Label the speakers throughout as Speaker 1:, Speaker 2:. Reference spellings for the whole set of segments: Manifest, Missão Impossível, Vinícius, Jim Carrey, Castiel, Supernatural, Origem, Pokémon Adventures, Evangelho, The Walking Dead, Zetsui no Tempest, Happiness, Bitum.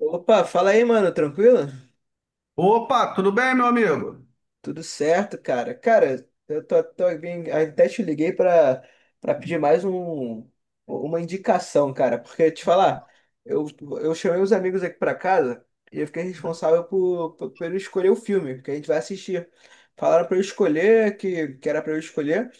Speaker 1: Opa, fala aí, mano, tranquilo?
Speaker 2: Opa, tudo bem, meu amigo?
Speaker 1: Tudo certo, cara. Cara, eu tô bem, até te liguei pra pedir mais um, uma indicação, cara, porque te falar, eu, eu chamei os amigos aqui pra casa e eu fiquei responsável por escolher o filme que a gente vai assistir. Falaram pra eu escolher, que era pra eu escolher,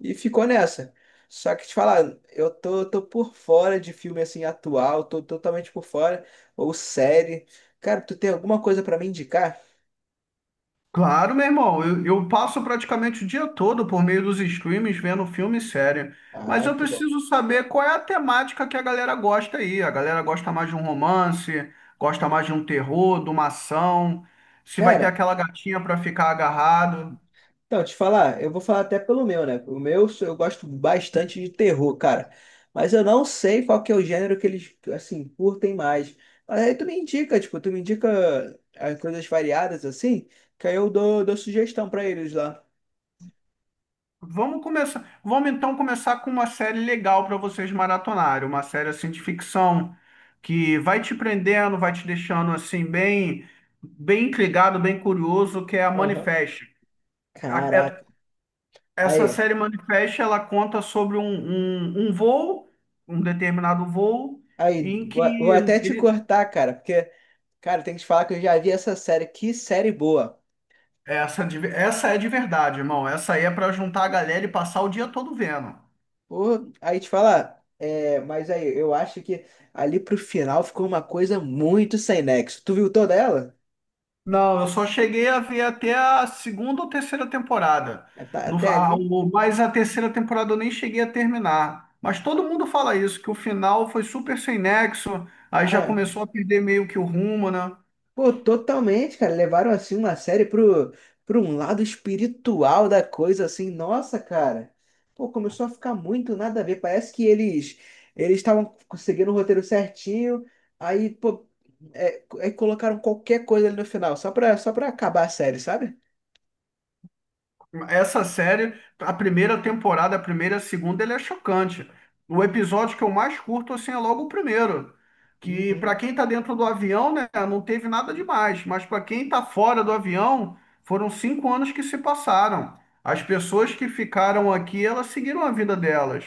Speaker 1: e ficou nessa. Só que te falar, eu tô por fora de filme assim atual, tô totalmente por fora, ou série. Cara, tu tem alguma coisa pra me indicar?
Speaker 2: Claro, meu irmão, eu passo praticamente o dia todo por meio dos streams vendo filme e série, mas
Speaker 1: Ah,
Speaker 2: eu
Speaker 1: que bom.
Speaker 2: preciso saber qual é a temática que a galera gosta aí. A galera gosta mais de um romance, gosta mais de um terror, de uma ação, se vai ter
Speaker 1: Cara,
Speaker 2: aquela gatinha para ficar agarrado.
Speaker 1: então, te falar, eu vou falar até pelo meu, né? O meu, eu gosto bastante de terror, cara. Mas eu não sei qual que é o gênero que eles, assim, curtem mais. Mas aí tu me indica, tipo, tu me indica as coisas variadas, assim, que aí eu dou sugestão pra eles lá.
Speaker 2: Vamos começar, vamos então começar com uma série legal para vocês maratonarem, uma série assim de ficção que vai te prendendo, vai te deixando assim bem bem intrigado, bem curioso, que é a
Speaker 1: Aham.
Speaker 2: Manifest. A-
Speaker 1: Caraca.
Speaker 2: é- Essa
Speaker 1: Aí,
Speaker 2: série Manifest, ela conta sobre um voo, um determinado voo,
Speaker 1: aí,
Speaker 2: em
Speaker 1: vou
Speaker 2: que
Speaker 1: vou até te
Speaker 2: ele,
Speaker 1: cortar, cara, porque, cara, tem que te falar que eu já vi essa série. Que série boa.
Speaker 2: essa, essa é de verdade, irmão. Essa aí é para juntar a galera e passar o dia todo vendo.
Speaker 1: Pô, aí te falar, é, mas aí, eu acho que ali pro final ficou uma coisa muito sem nexo. Tu viu toda ela?
Speaker 2: Não, eu só cheguei a ver até a segunda ou terceira temporada.
Speaker 1: É, tá,
Speaker 2: No,
Speaker 1: até
Speaker 2: a,
Speaker 1: ali?
Speaker 2: o, Mas a terceira temporada eu nem cheguei a terminar. Mas todo mundo fala isso, que o final foi super sem nexo, aí
Speaker 1: Ah,
Speaker 2: já
Speaker 1: é.
Speaker 2: começou a perder meio que o rumo, né?
Speaker 1: Pô, totalmente, cara. Levaram assim uma série pro, pro um lado espiritual da coisa, assim. Nossa, cara. Pô, começou a ficar muito nada a ver. Parece que eles estavam seguindo o roteiro certinho. Aí, pô, é, é, colocaram qualquer coisa ali no final, só pra acabar a série, sabe?
Speaker 2: Essa série, a primeira temporada, a primeira e a segunda, ele é chocante. O episódio que eu mais curto, assim, é logo o primeiro. Que para
Speaker 1: Uhum.
Speaker 2: quem tá dentro do avião, né, não teve nada demais. Mas para quem tá fora do avião, foram 5 anos que se passaram. As pessoas que ficaram aqui, elas seguiram a vida delas.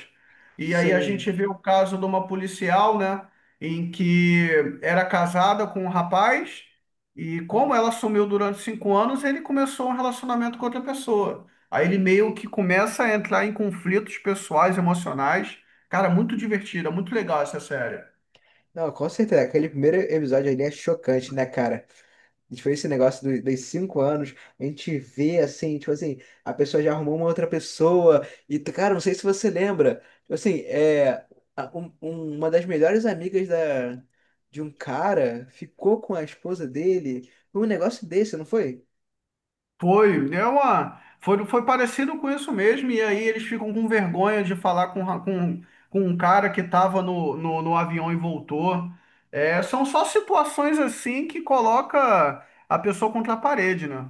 Speaker 2: E aí a
Speaker 1: Sim.
Speaker 2: gente vê o caso de uma policial, né, em que era casada com um rapaz. E como ela sumiu durante 5 anos, ele começou um relacionamento com outra pessoa. Aí ele meio que começa a entrar em conflitos pessoais, emocionais. Cara, muito divertida, muito legal essa série.
Speaker 1: Não, com certeza. Aquele primeiro episódio ali é chocante, né, cara? A gente fez esse negócio do, dos 5 anos, a gente vê assim, tipo assim, a pessoa já arrumou uma outra pessoa, e cara, não sei se você lembra, tipo assim, é, a- um- um- uma das melhores amigas da, de um cara ficou com a esposa dele, foi um negócio desse, não foi?
Speaker 2: Foi, foi, foi parecido com isso mesmo. E aí eles ficam com vergonha de falar com um cara que estava no avião e voltou. É, são só situações assim que coloca a pessoa contra a parede, né?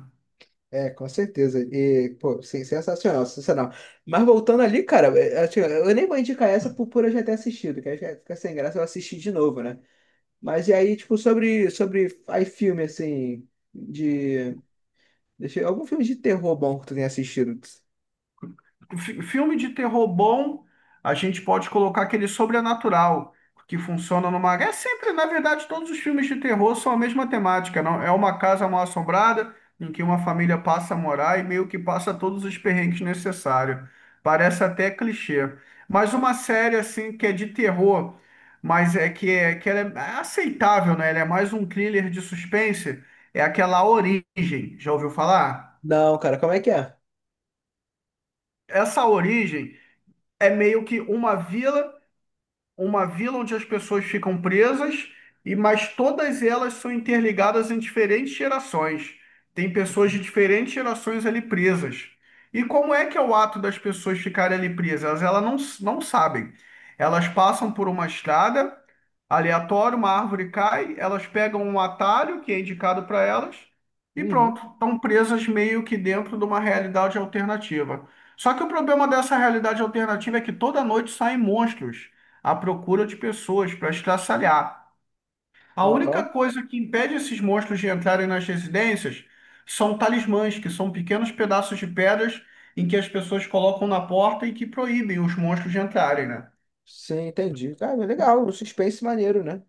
Speaker 1: É, com certeza. E, pô, sim, sensacional, sensacional. Mas voltando ali, cara, é, assim, eu nem vou indicar essa por eu já ter assistido, que aí fica sem graça eu assistir de novo, né? Mas e aí, tipo, sobre aí filme, assim, de... Deixa eu... Algum filme de terror bom que tu tenha assistido?
Speaker 2: Filme de terror bom, a gente pode colocar aquele sobrenatural, que funciona numa. É sempre, na verdade, todos os filmes de terror são a mesma temática, não? É uma casa mal assombrada em que uma família passa a morar e meio que passa todos os perrengues necessários. Parece até clichê. Mas uma série assim que é de terror, mas é que ela é aceitável, né? Ela é mais um thriller de suspense, é aquela Origem. Já ouviu falar?
Speaker 1: Não, cara, como é que é?
Speaker 2: Essa Origem é meio que uma vila onde as pessoas ficam presas e mas todas elas são interligadas em diferentes gerações. Tem pessoas de diferentes gerações ali presas. E como é que é o ato das pessoas ficarem ali presas? Elas não, não sabem. Elas passam por uma estrada aleatória, uma árvore cai, elas pegam um atalho que é indicado para elas e
Speaker 1: Uhum.
Speaker 2: pronto, estão presas meio que dentro de uma realidade alternativa. Só que o problema dessa realidade alternativa é que toda noite saem monstros à procura de pessoas para estraçalhar. A única
Speaker 1: Aham.
Speaker 2: coisa que impede esses monstros de entrarem nas residências são talismãs, que são pequenos pedaços de pedras em que as pessoas colocam na porta e que proíbem os monstros de entrarem, né?
Speaker 1: Sim, entendi. Cara, legal, um suspense maneiro, né?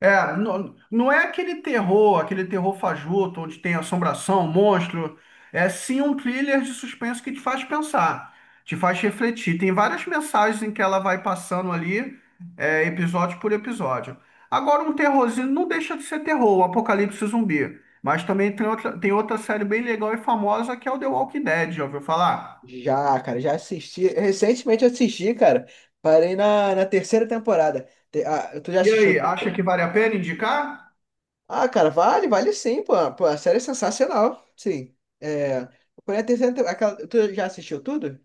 Speaker 2: É, não, não é aquele terror fajuto, onde tem assombração, monstro. É sim um thriller de suspense que te faz pensar, te faz refletir. Tem várias mensagens em que ela vai passando ali, episódio por episódio. Agora, um terrorzinho não deixa de ser terror, o Apocalipse Zumbi. Mas também tem outra série bem legal e famosa que é o The Walking Dead, já ouviu falar?
Speaker 1: Já, cara, já assisti. Recentemente assisti, cara. Parei na terceira temporada. Te- ah, tu já
Speaker 2: E
Speaker 1: assistiu?
Speaker 2: aí, acha que vale a pena indicar?
Speaker 1: Ah, cara, vale, vale sim, pô. Pô, a série é sensacional. Sim. É. Porém, a terceira temporada. Tu já assistiu tudo?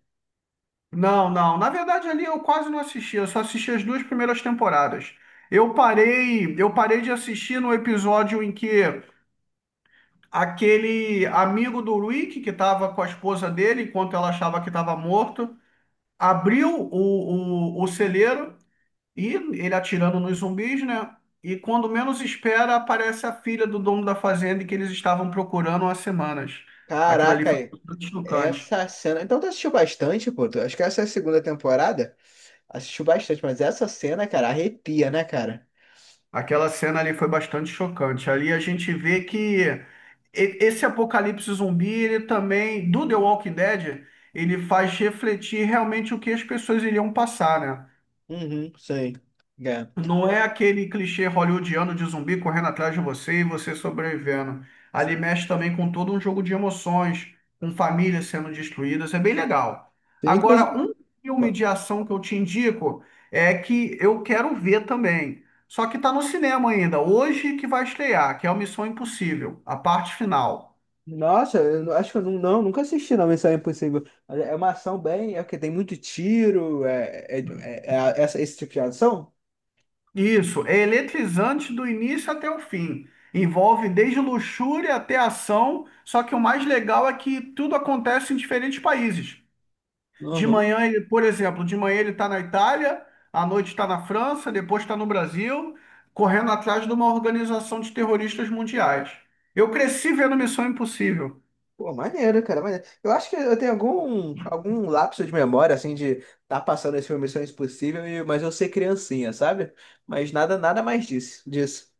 Speaker 2: Não, não. Na verdade, ali eu quase não assisti. Eu só assisti as duas primeiras temporadas. Eu parei de assistir no episódio em que aquele amigo do Rick, que estava com a esposa dele, enquanto ela achava que estava morto, abriu o celeiro e ele atirando nos zumbis, né? E quando menos espera, aparece a filha do dono da fazenda que eles estavam procurando há semanas. Aquilo ali
Speaker 1: Caraca,
Speaker 2: foi bastante chocante.
Speaker 1: essa cena. Então tu assistiu bastante, pô. Tu- acho que essa é a segunda temporada. Assistiu bastante, mas essa cena, cara, arrepia, né, cara?
Speaker 2: Aquela cena ali foi bastante chocante. Ali a gente vê que esse apocalipse zumbi, ele também, do The Walking Dead, ele faz refletir realmente o que as pessoas iriam passar, né?
Speaker 1: Uhum, sei. É.
Speaker 2: Não é aquele clichê hollywoodiano de zumbi correndo atrás de você e você sobrevivendo. Ali mexe também com todo um jogo de emoções, com famílias sendo destruídas, é bem legal.
Speaker 1: Tem, inclusive.
Speaker 2: Agora, um filme
Speaker 1: Pô,
Speaker 2: de ação que eu te indico é que eu quero ver também. Só que está no cinema ainda, hoje que vai estrear, que é o Missão Impossível, a parte final.
Speaker 1: nossa, eu não- acho que eu não, não, nunca assisti não, Missão Impossível. Mas é uma ação bem. É porque tem muito tiro, essa, esse tipo de ação?
Speaker 2: Isso, é eletrizante do início até o fim. Envolve desde luxúria até ação, só que o mais legal é que tudo acontece em diferentes países.
Speaker 1: Uhum.
Speaker 2: De manhã ele está na Itália, à noite está na França, depois está no Brasil, correndo atrás de uma organização de terroristas mundiais. Eu cresci vendo Missão Impossível.
Speaker 1: Pô, maneiro, cara, maneiro. Eu acho que eu tenho algum, algum lapso de memória, assim, de tá passando esse filme Missão Impossível, e, mas eu ser criancinha, sabe? Mas nada, nada mais disso, disso.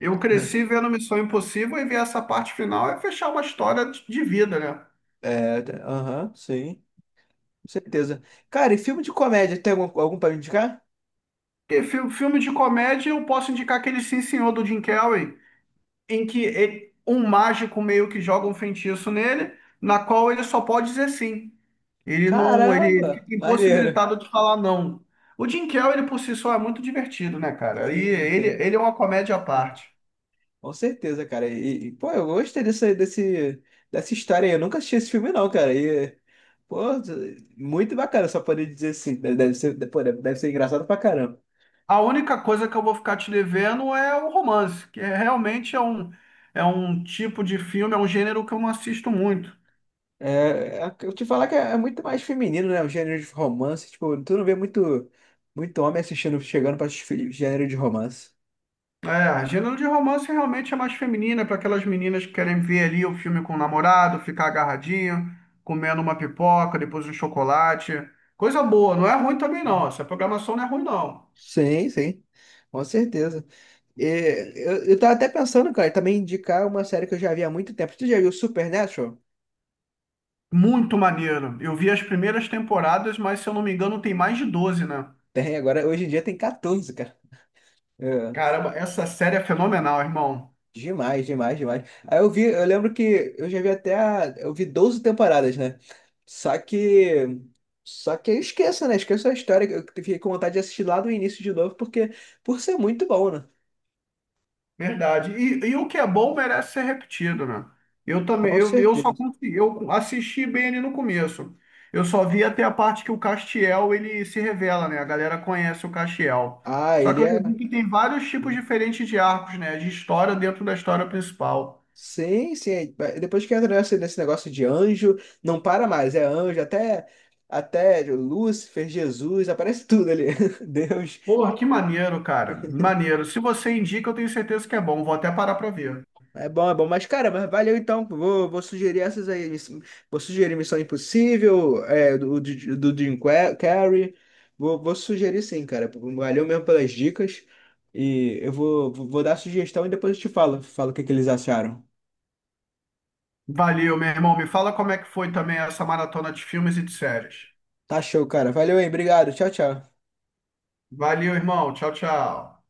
Speaker 2: Eu cresci vendo Missão Impossível e ver essa parte final é fechar uma história de vida, né?
Speaker 1: É, tá- aham, sim, certeza. Cara, e filme de comédia, tem algum, algum pra me indicar?
Speaker 2: E filme de comédia, eu posso indicar aquele Sim Senhor do Jim Carrey, em que um mágico meio que joga um feitiço nele, na qual ele só pode dizer sim. Ele não, ele
Speaker 1: Caramba,
Speaker 2: fica
Speaker 1: maneiro.
Speaker 2: impossibilitado de falar não. O Jim Carrey, ele por si só é muito divertido, né, cara? E
Speaker 1: Sim,
Speaker 2: ele,
Speaker 1: sim,
Speaker 2: ele é uma comédia à parte.
Speaker 1: com certeza, cara. E, pô, eu gostei dessa, desse, dessa história aí. Eu nunca assisti esse filme, não, cara. E, pô, muito bacana, só poder dizer assim. Deve ser, pô, deve ser engraçado pra caramba.
Speaker 2: A única coisa que eu vou ficar te devendo é o romance, realmente é um tipo de filme, é um gênero que eu não assisto muito.
Speaker 1: É, é- eu te falar que é muito mais feminino, né? O gênero de romance. Tipo, tu não vê muito, muito homem assistindo, chegando pra assistir gênero de romance.
Speaker 2: É, gênero de romance realmente é mais feminina, para aquelas meninas que querem ver ali o filme com o namorado, ficar agarradinho, comendo uma pipoca, depois um chocolate. Coisa boa, não é ruim também não. Essa programação não é ruim não.
Speaker 1: Sim, sim, com certeza. E, eu tava até pensando, cara, também indicar uma série que eu já vi há muito tempo. Tu já viu Supernatural?
Speaker 2: Muito maneiro. Eu vi as primeiras temporadas, mas se eu não me engano tem mais de 12, né?
Speaker 1: Tem, agora hoje em dia tem 14, cara. É,
Speaker 2: Caramba, essa série é fenomenal, irmão.
Speaker 1: demais, demais, demais. Aí eu vi, eu lembro que eu já vi até a, eu vi 12 temporadas, né? Só que Só que eu esqueço, né? Esqueço a história. Que eu fiquei com vontade de assistir lá do início de novo, porque por ser muito bom, né?
Speaker 2: Verdade. E o que é bom merece ser repetido, né? Eu também,
Speaker 1: Com
Speaker 2: eu só
Speaker 1: certeza.
Speaker 2: consegui, eu assisti bem ali no começo. Eu só vi até a parte que o Castiel ele se revela, né? A galera conhece o Castiel.
Speaker 1: Ah,
Speaker 2: Só que
Speaker 1: ele
Speaker 2: eu já
Speaker 1: é.
Speaker 2: vi que tem vários tipos diferentes de arcos, né? De história dentro da história principal.
Speaker 1: Sim, sim. É, é, depois que entra nesse negócio de anjo, não para mais. É anjo, até, até Lúcifer, Jesus, aparece tudo ali. Deus.
Speaker 2: Porra, que maneiro, cara. Maneiro. Se você indica, eu tenho certeza que é bom. Vou até parar pra ver.
Speaker 1: É bom, é bom. Mas, cara, mas valeu então. Vou, vou sugerir essas aí. Miss- vou sugerir Missão Impossível, é, do Jim Qua- Carrey. Vou, vou sugerir sim, cara. Valeu mesmo pelas dicas. E eu vou, vou dar sugestão e depois eu te falo, falo o que que eles acharam.
Speaker 2: Valeu, meu irmão. Me fala como é que foi também essa maratona de filmes e de séries.
Speaker 1: Tá show, cara. Valeu aí. Obrigado. Tchau, tchau.
Speaker 2: Valeu, irmão. Tchau, tchau.